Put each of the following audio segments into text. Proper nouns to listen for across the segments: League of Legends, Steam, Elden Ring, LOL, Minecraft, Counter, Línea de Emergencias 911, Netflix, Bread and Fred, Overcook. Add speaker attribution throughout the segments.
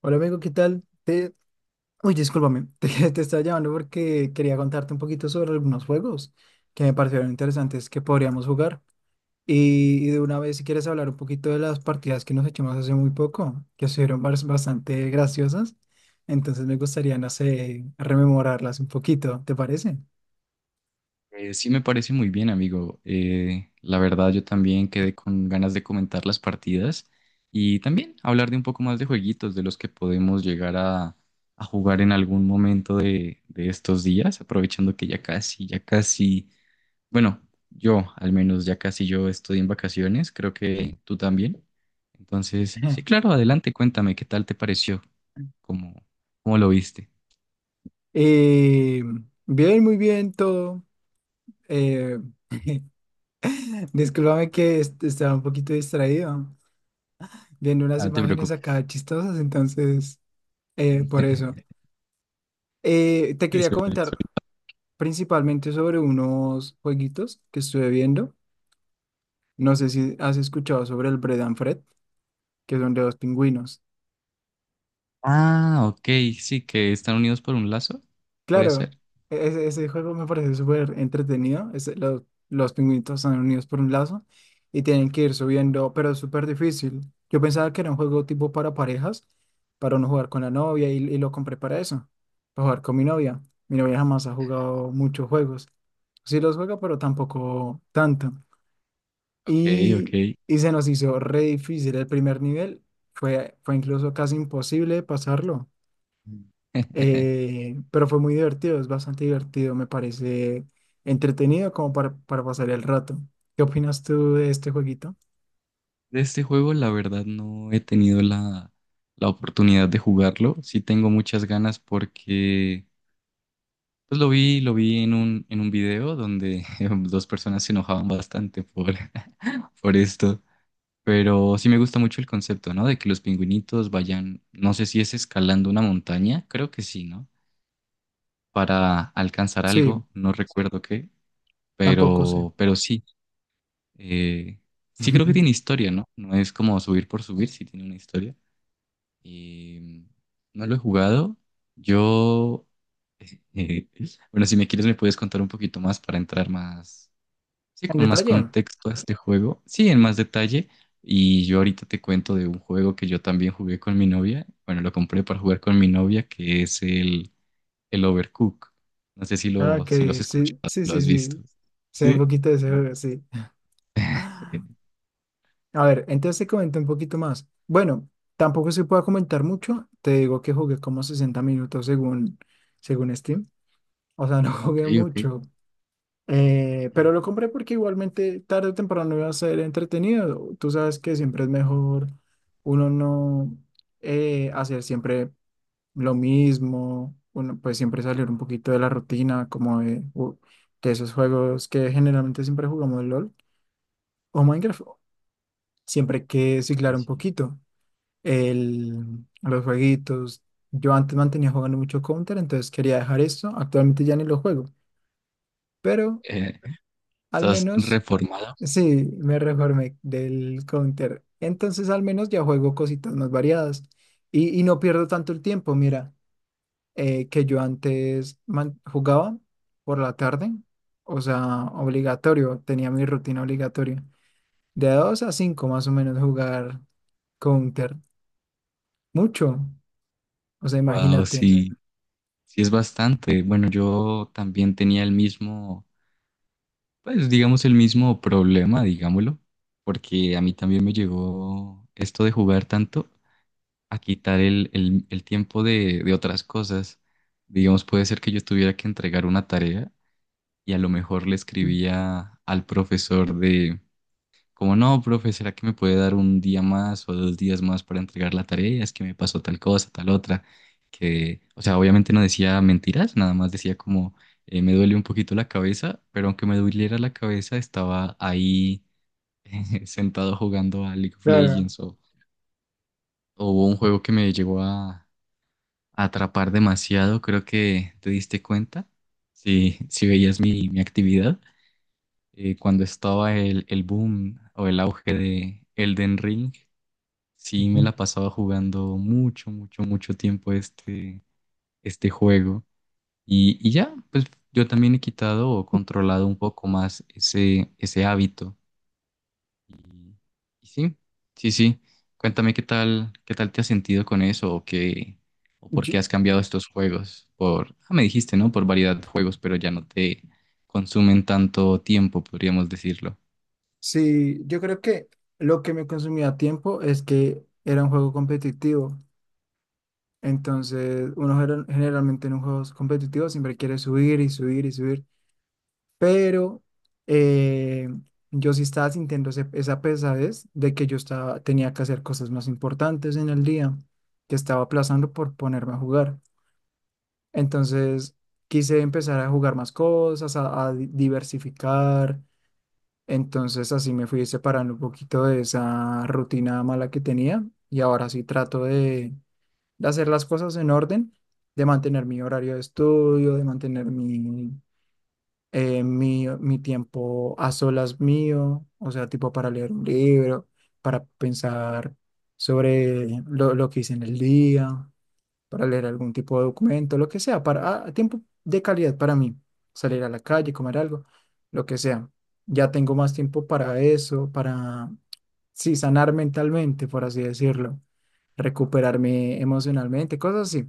Speaker 1: Hola amigo, ¿qué tal? Te... discúlpame, te estaba llamando porque quería contarte un poquito sobre algunos juegos que me parecieron interesantes que podríamos jugar. Y de una vez, si quieres hablar un poquito de las partidas que nos echamos hace muy poco, que estuvieron bastante graciosas, entonces me gustaría, no sé, rememorarlas un poquito, ¿te parece?
Speaker 2: Sí me parece muy bien, amigo. La verdad, yo también quedé con ganas de comentar las partidas y también hablar de un poco más de jueguitos de los que podemos llegar a jugar en algún momento de estos días, aprovechando que ya casi, bueno, yo al menos ya casi yo estoy en vacaciones, creo que tú también. Entonces, sí,
Speaker 1: Ajá.
Speaker 2: claro, adelante, cuéntame qué tal te pareció, cómo, cómo lo viste.
Speaker 1: Eh, Bien, muy bien, todo. Eh, discúlpame que estaba un poquito distraído viendo unas
Speaker 2: Ah, no te
Speaker 1: imágenes acá
Speaker 2: preocupes.
Speaker 1: chistosas, entonces... Por eso. Te quería
Speaker 2: Suele-
Speaker 1: comentar principalmente sobre unos jueguitos que estuve viendo. No sé si has escuchado sobre el Bread and Fred, que son de dos pingüinos.
Speaker 2: Ah, ok, sí, que están unidos por un lazo, puede
Speaker 1: Claro,
Speaker 2: ser.
Speaker 1: ese juego me parece súper entretenido. Los pingüinos están unidos por un lazo y tienen que ir subiendo, pero es súper difícil. Yo pensaba que era un juego tipo para parejas, para uno jugar con la novia y lo compré para eso, para jugar con mi novia. Mi novia jamás ha jugado muchos juegos. Sí los juega, pero tampoco tanto.
Speaker 2: Ok,
Speaker 1: Y,
Speaker 2: ok.
Speaker 1: y se nos hizo re difícil el primer nivel. Fue incluso casi imposible pasarlo.
Speaker 2: Mm.
Speaker 1: Pero fue muy divertido, es bastante divertido, me parece entretenido como para pasar el rato. ¿Qué opinas tú de este jueguito?
Speaker 2: De este juego, la verdad, no he tenido la oportunidad de jugarlo. Sí tengo muchas ganas porque pues lo vi en un video donde dos personas se enojaban bastante por esto. Pero sí me gusta mucho el concepto, ¿no? De que los pingüinitos vayan, no sé si es escalando una montaña, creo que sí, ¿no? Para alcanzar
Speaker 1: Sí,
Speaker 2: algo, no recuerdo qué.
Speaker 1: tampoco sé.
Speaker 2: Pero sí, eh, sí creo que tiene historia, ¿no? No es como subir por subir, sí tiene una historia. Y no lo he jugado. Yo, eh, bueno, si me quieres me puedes contar un poquito más para entrar más, sí,
Speaker 1: En
Speaker 2: con más
Speaker 1: detalle.
Speaker 2: contexto a este juego. Sí, en más detalle. Y yo ahorita te cuento de un juego que yo también jugué con mi novia. Bueno, lo compré para jugar con mi novia, que es el Overcook. No sé si
Speaker 1: Ah,
Speaker 2: lo,
Speaker 1: ok,
Speaker 2: si lo has
Speaker 1: sí,
Speaker 2: escuchado,
Speaker 1: sí,
Speaker 2: lo
Speaker 1: sí,
Speaker 2: has visto.
Speaker 1: sí. Sé un
Speaker 2: Sí.
Speaker 1: poquito de ese juego, sí. A ver, entonces te comento un poquito más. Bueno, tampoco se puede comentar mucho. Te digo que jugué como 60 minutos según, según Steam. O sea, no
Speaker 2: Ok,
Speaker 1: jugué
Speaker 2: ok.
Speaker 1: mucho.
Speaker 2: Ay,
Speaker 1: Pero lo compré porque igualmente tarde o temprano iba a ser entretenido. Tú sabes que siempre es mejor uno no hacer siempre lo mismo. Uno pues siempre salir un poquito de la rutina, como de, de esos juegos que generalmente siempre jugamos LOL o Minecraft. Siempre hay que ciclar un
Speaker 2: sí.
Speaker 1: poquito. Los jueguitos. Yo antes mantenía jugando mucho Counter, entonces quería dejar esto. Actualmente ya ni lo juego, pero
Speaker 2: Eh,
Speaker 1: al
Speaker 2: ¿estás
Speaker 1: menos
Speaker 2: reformado?
Speaker 1: sí me reformé del Counter. Entonces al menos ya juego cositas más variadas y no pierdo tanto el tiempo. Mira, que yo antes jugaba por la tarde, o sea, obligatorio, tenía mi rutina obligatoria. De 2 a 5 más o menos jugar Counter. Mucho, o sea,
Speaker 2: Wow,
Speaker 1: imagínate.
Speaker 2: sí, sí es bastante. Bueno, yo también tenía el mismo, pues digamos el mismo problema, digámoslo, porque a mí también me llegó esto de jugar tanto a quitar el, el tiempo de otras cosas. Digamos, puede ser que yo tuviera que entregar una tarea y a lo mejor le escribía al profesor. Como no, profe, ¿será que me puede dar un día más o dos días más para entregar la tarea? Es que me pasó tal cosa, tal otra. Que, o sea, obviamente no decía mentiras, nada más decía como me duele un poquito la cabeza, pero aunque me doliera la cabeza, estaba ahí sentado jugando a League of
Speaker 1: Claro.
Speaker 2: Legends o hubo un juego que me llegó a atrapar demasiado. Creo que te diste cuenta, si, si veías mi, mi actividad, cuando estaba el boom o el auge de Elden Ring. Sí, me la pasaba jugando mucho, mucho, mucho tiempo este, este juego. Y ya, pues yo también he quitado o controlado un poco más ese, ese hábito. Y, y sí, sí, sí. Cuéntame qué tal te has sentido con eso o qué, o por
Speaker 1: Yo-
Speaker 2: qué has cambiado estos juegos. Por, ah, me dijiste, ¿no? Por variedad de juegos, pero ya no te consumen tanto tiempo, podríamos decirlo.
Speaker 1: sí, yo creo que lo que me consumía tiempo es que era un juego competitivo. Entonces, uno generalmente en un juego competitivo siempre quiere subir y subir y subir. Pero eh, yo sí estaba sintiendo esa pesadez de que yo estaba, tenía que hacer cosas más importantes en el día, que estaba aplazando por ponerme a jugar. Entonces, quise empezar a jugar más cosas, a diversificar. Entonces así me fui separando un poquito de esa rutina mala que tenía y ahora sí trato de hacer las cosas en orden, de mantener mi horario de estudio, de mantener mi tiempo a solas mío, o sea, tipo para leer un libro, para pensar sobre lo que hice en el día, para leer algún tipo de documento, lo que sea, para ah, tiempo de calidad para mí, salir a la calle, comer algo, lo que sea. Ya tengo más tiempo para eso, para, sí, sanar mentalmente, por así decirlo, recuperarme emocionalmente, cosas así.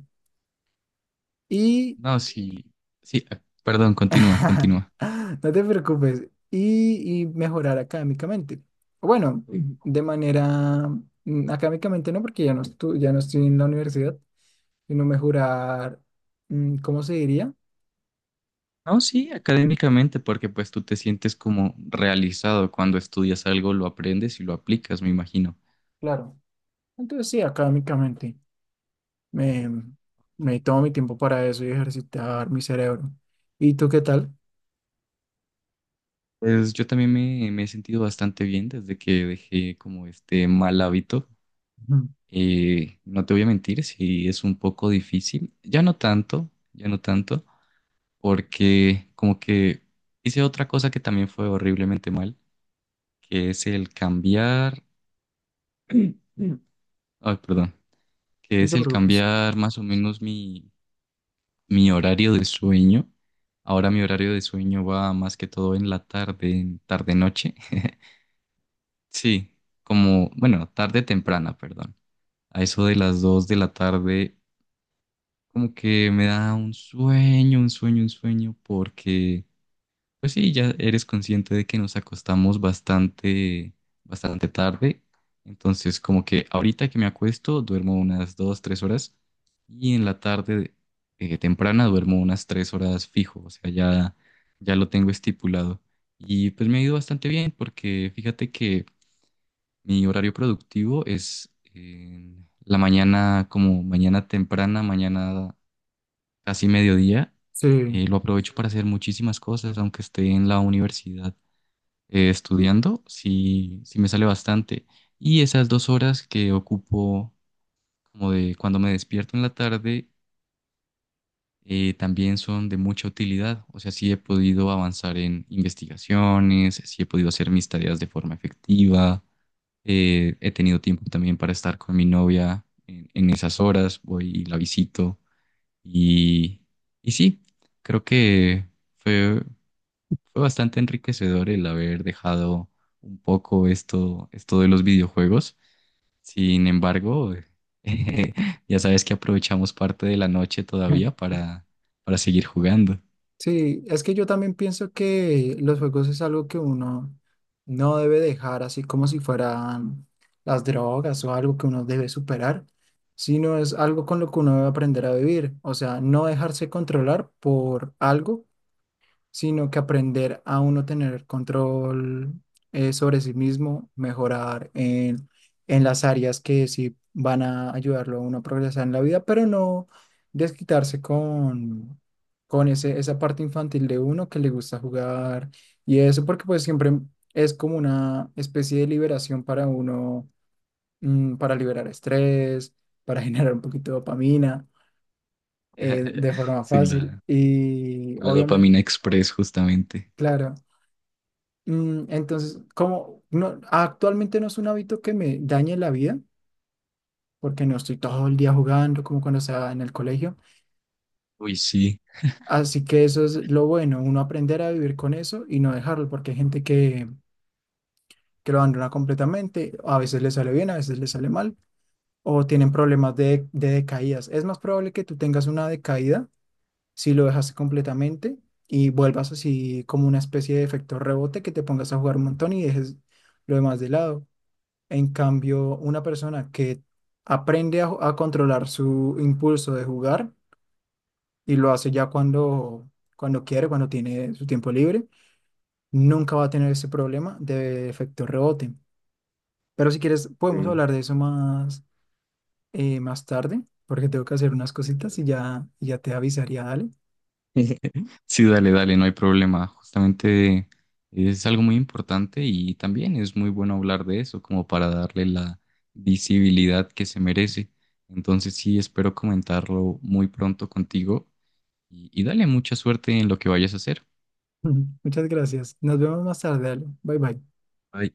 Speaker 1: Y,
Speaker 2: No, sí, sí, ah, perdón, continúa, continúa.
Speaker 1: no te preocupes, y mejorar académicamente. Bueno, de manera, académicamente no, porque ya no, ya no estoy en la universidad, sino mejorar, ¿cómo se diría?
Speaker 2: No, sí, académicamente, porque pues tú te sientes como realizado cuando estudias algo, lo aprendes y lo aplicas, me imagino.
Speaker 1: Claro. Entonces sí, académicamente me, me tomo mi tiempo para eso y ejercitar mi cerebro. ¿Y tú qué tal?
Speaker 2: Pues yo también me he sentido bastante bien desde que dejé como este mal hábito.
Speaker 1: Ujú.
Speaker 2: No te voy a mentir, sí es un poco difícil. Ya no tanto, porque como que hice otra cosa que también fue horriblemente mal, que es el cambiar... Ay, perdón. Que
Speaker 1: No
Speaker 2: es
Speaker 1: te
Speaker 2: el
Speaker 1: preocupes.
Speaker 2: cambiar más o menos mi mi horario de sueño. Ahora mi horario de sueño va más que todo en la tarde, tarde-noche. Sí, como, bueno, tarde temprana, perdón. A eso de las 2 de la tarde, como que me da un sueño, un sueño, un sueño, porque pues sí, ya eres consciente de que nos acostamos bastante, bastante tarde. Entonces, como que ahorita que me acuesto, duermo unas 2, 3 horas. Y en la tarde temprana duermo unas 3 horas fijo. O sea, ya, ya lo tengo estipulado. Y pues me ha ido bastante bien porque fíjate que mi horario productivo es en la mañana, como mañana temprana, mañana casi mediodía.
Speaker 1: Sí,
Speaker 2: Lo aprovecho para hacer muchísimas cosas, aunque esté en la universidad estudiando, sí, sí me sale bastante. Y esas 2 horas que ocupo como de cuando me despierto en la tarde, también son de mucha utilidad. O sea, sí he podido avanzar en investigaciones, sí he podido hacer mis tareas de forma efectiva, he tenido tiempo también para estar con mi novia en esas horas, voy y la visito. Y, y sí, creo que fue... Fue bastante enriquecedor el haber dejado un poco esto, esto de los videojuegos. Sin embargo, ya sabes que aprovechamos parte de la noche todavía para seguir jugando.
Speaker 1: sí, es que yo también pienso que los juegos es algo que uno no debe dejar así como si fueran las drogas o algo que uno debe superar, sino es algo con lo que uno debe aprender a vivir. O sea, no dejarse controlar por algo sino que aprender a uno tener control sobre sí mismo, mejorar en las áreas que sí van a ayudarlo a uno a progresar en la vida, pero no desquitarse con esa parte infantil de uno que le gusta jugar y eso, porque pues siempre es como una especie de liberación para uno, para liberar estrés, para generar un poquito de dopamina de forma
Speaker 2: Sí,
Speaker 1: fácil
Speaker 2: la,
Speaker 1: y
Speaker 2: la
Speaker 1: obviamente,
Speaker 2: dopamina express justamente.
Speaker 1: claro. Entonces, como no, actualmente no es un hábito que me dañe la vida, porque no estoy todo el día jugando como cuando estaba en el colegio.
Speaker 2: Uy, sí.
Speaker 1: Así que eso es lo bueno, uno aprender a vivir con eso y no dejarlo, porque hay gente que lo abandona completamente, a veces le sale bien, a veces le sale mal, o tienen problemas de decaídas. Es más probable que tú tengas una decaída si lo dejaste completamente y vuelvas así como una especie de efecto rebote que te pongas a jugar un montón y dejes lo demás de lado. En cambio, una persona que aprende a controlar su impulso de jugar y lo hace ya cuando quiere, cuando tiene su tiempo libre, nunca va a tener ese problema de efecto rebote. Pero si quieres,
Speaker 2: Sí.
Speaker 1: podemos hablar de eso más, más tarde, porque tengo que hacer unas cositas y ya te avisaría, dale.
Speaker 2: Sí, dale, dale, no hay problema. Justamente es algo muy importante y también es muy bueno hablar de eso, como para darle la visibilidad que se merece. Entonces sí, espero comentarlo muy pronto contigo y dale mucha suerte en lo que vayas a hacer.
Speaker 1: Muchas gracias. Nos vemos más tarde, dale. Bye bye.
Speaker 2: Bye.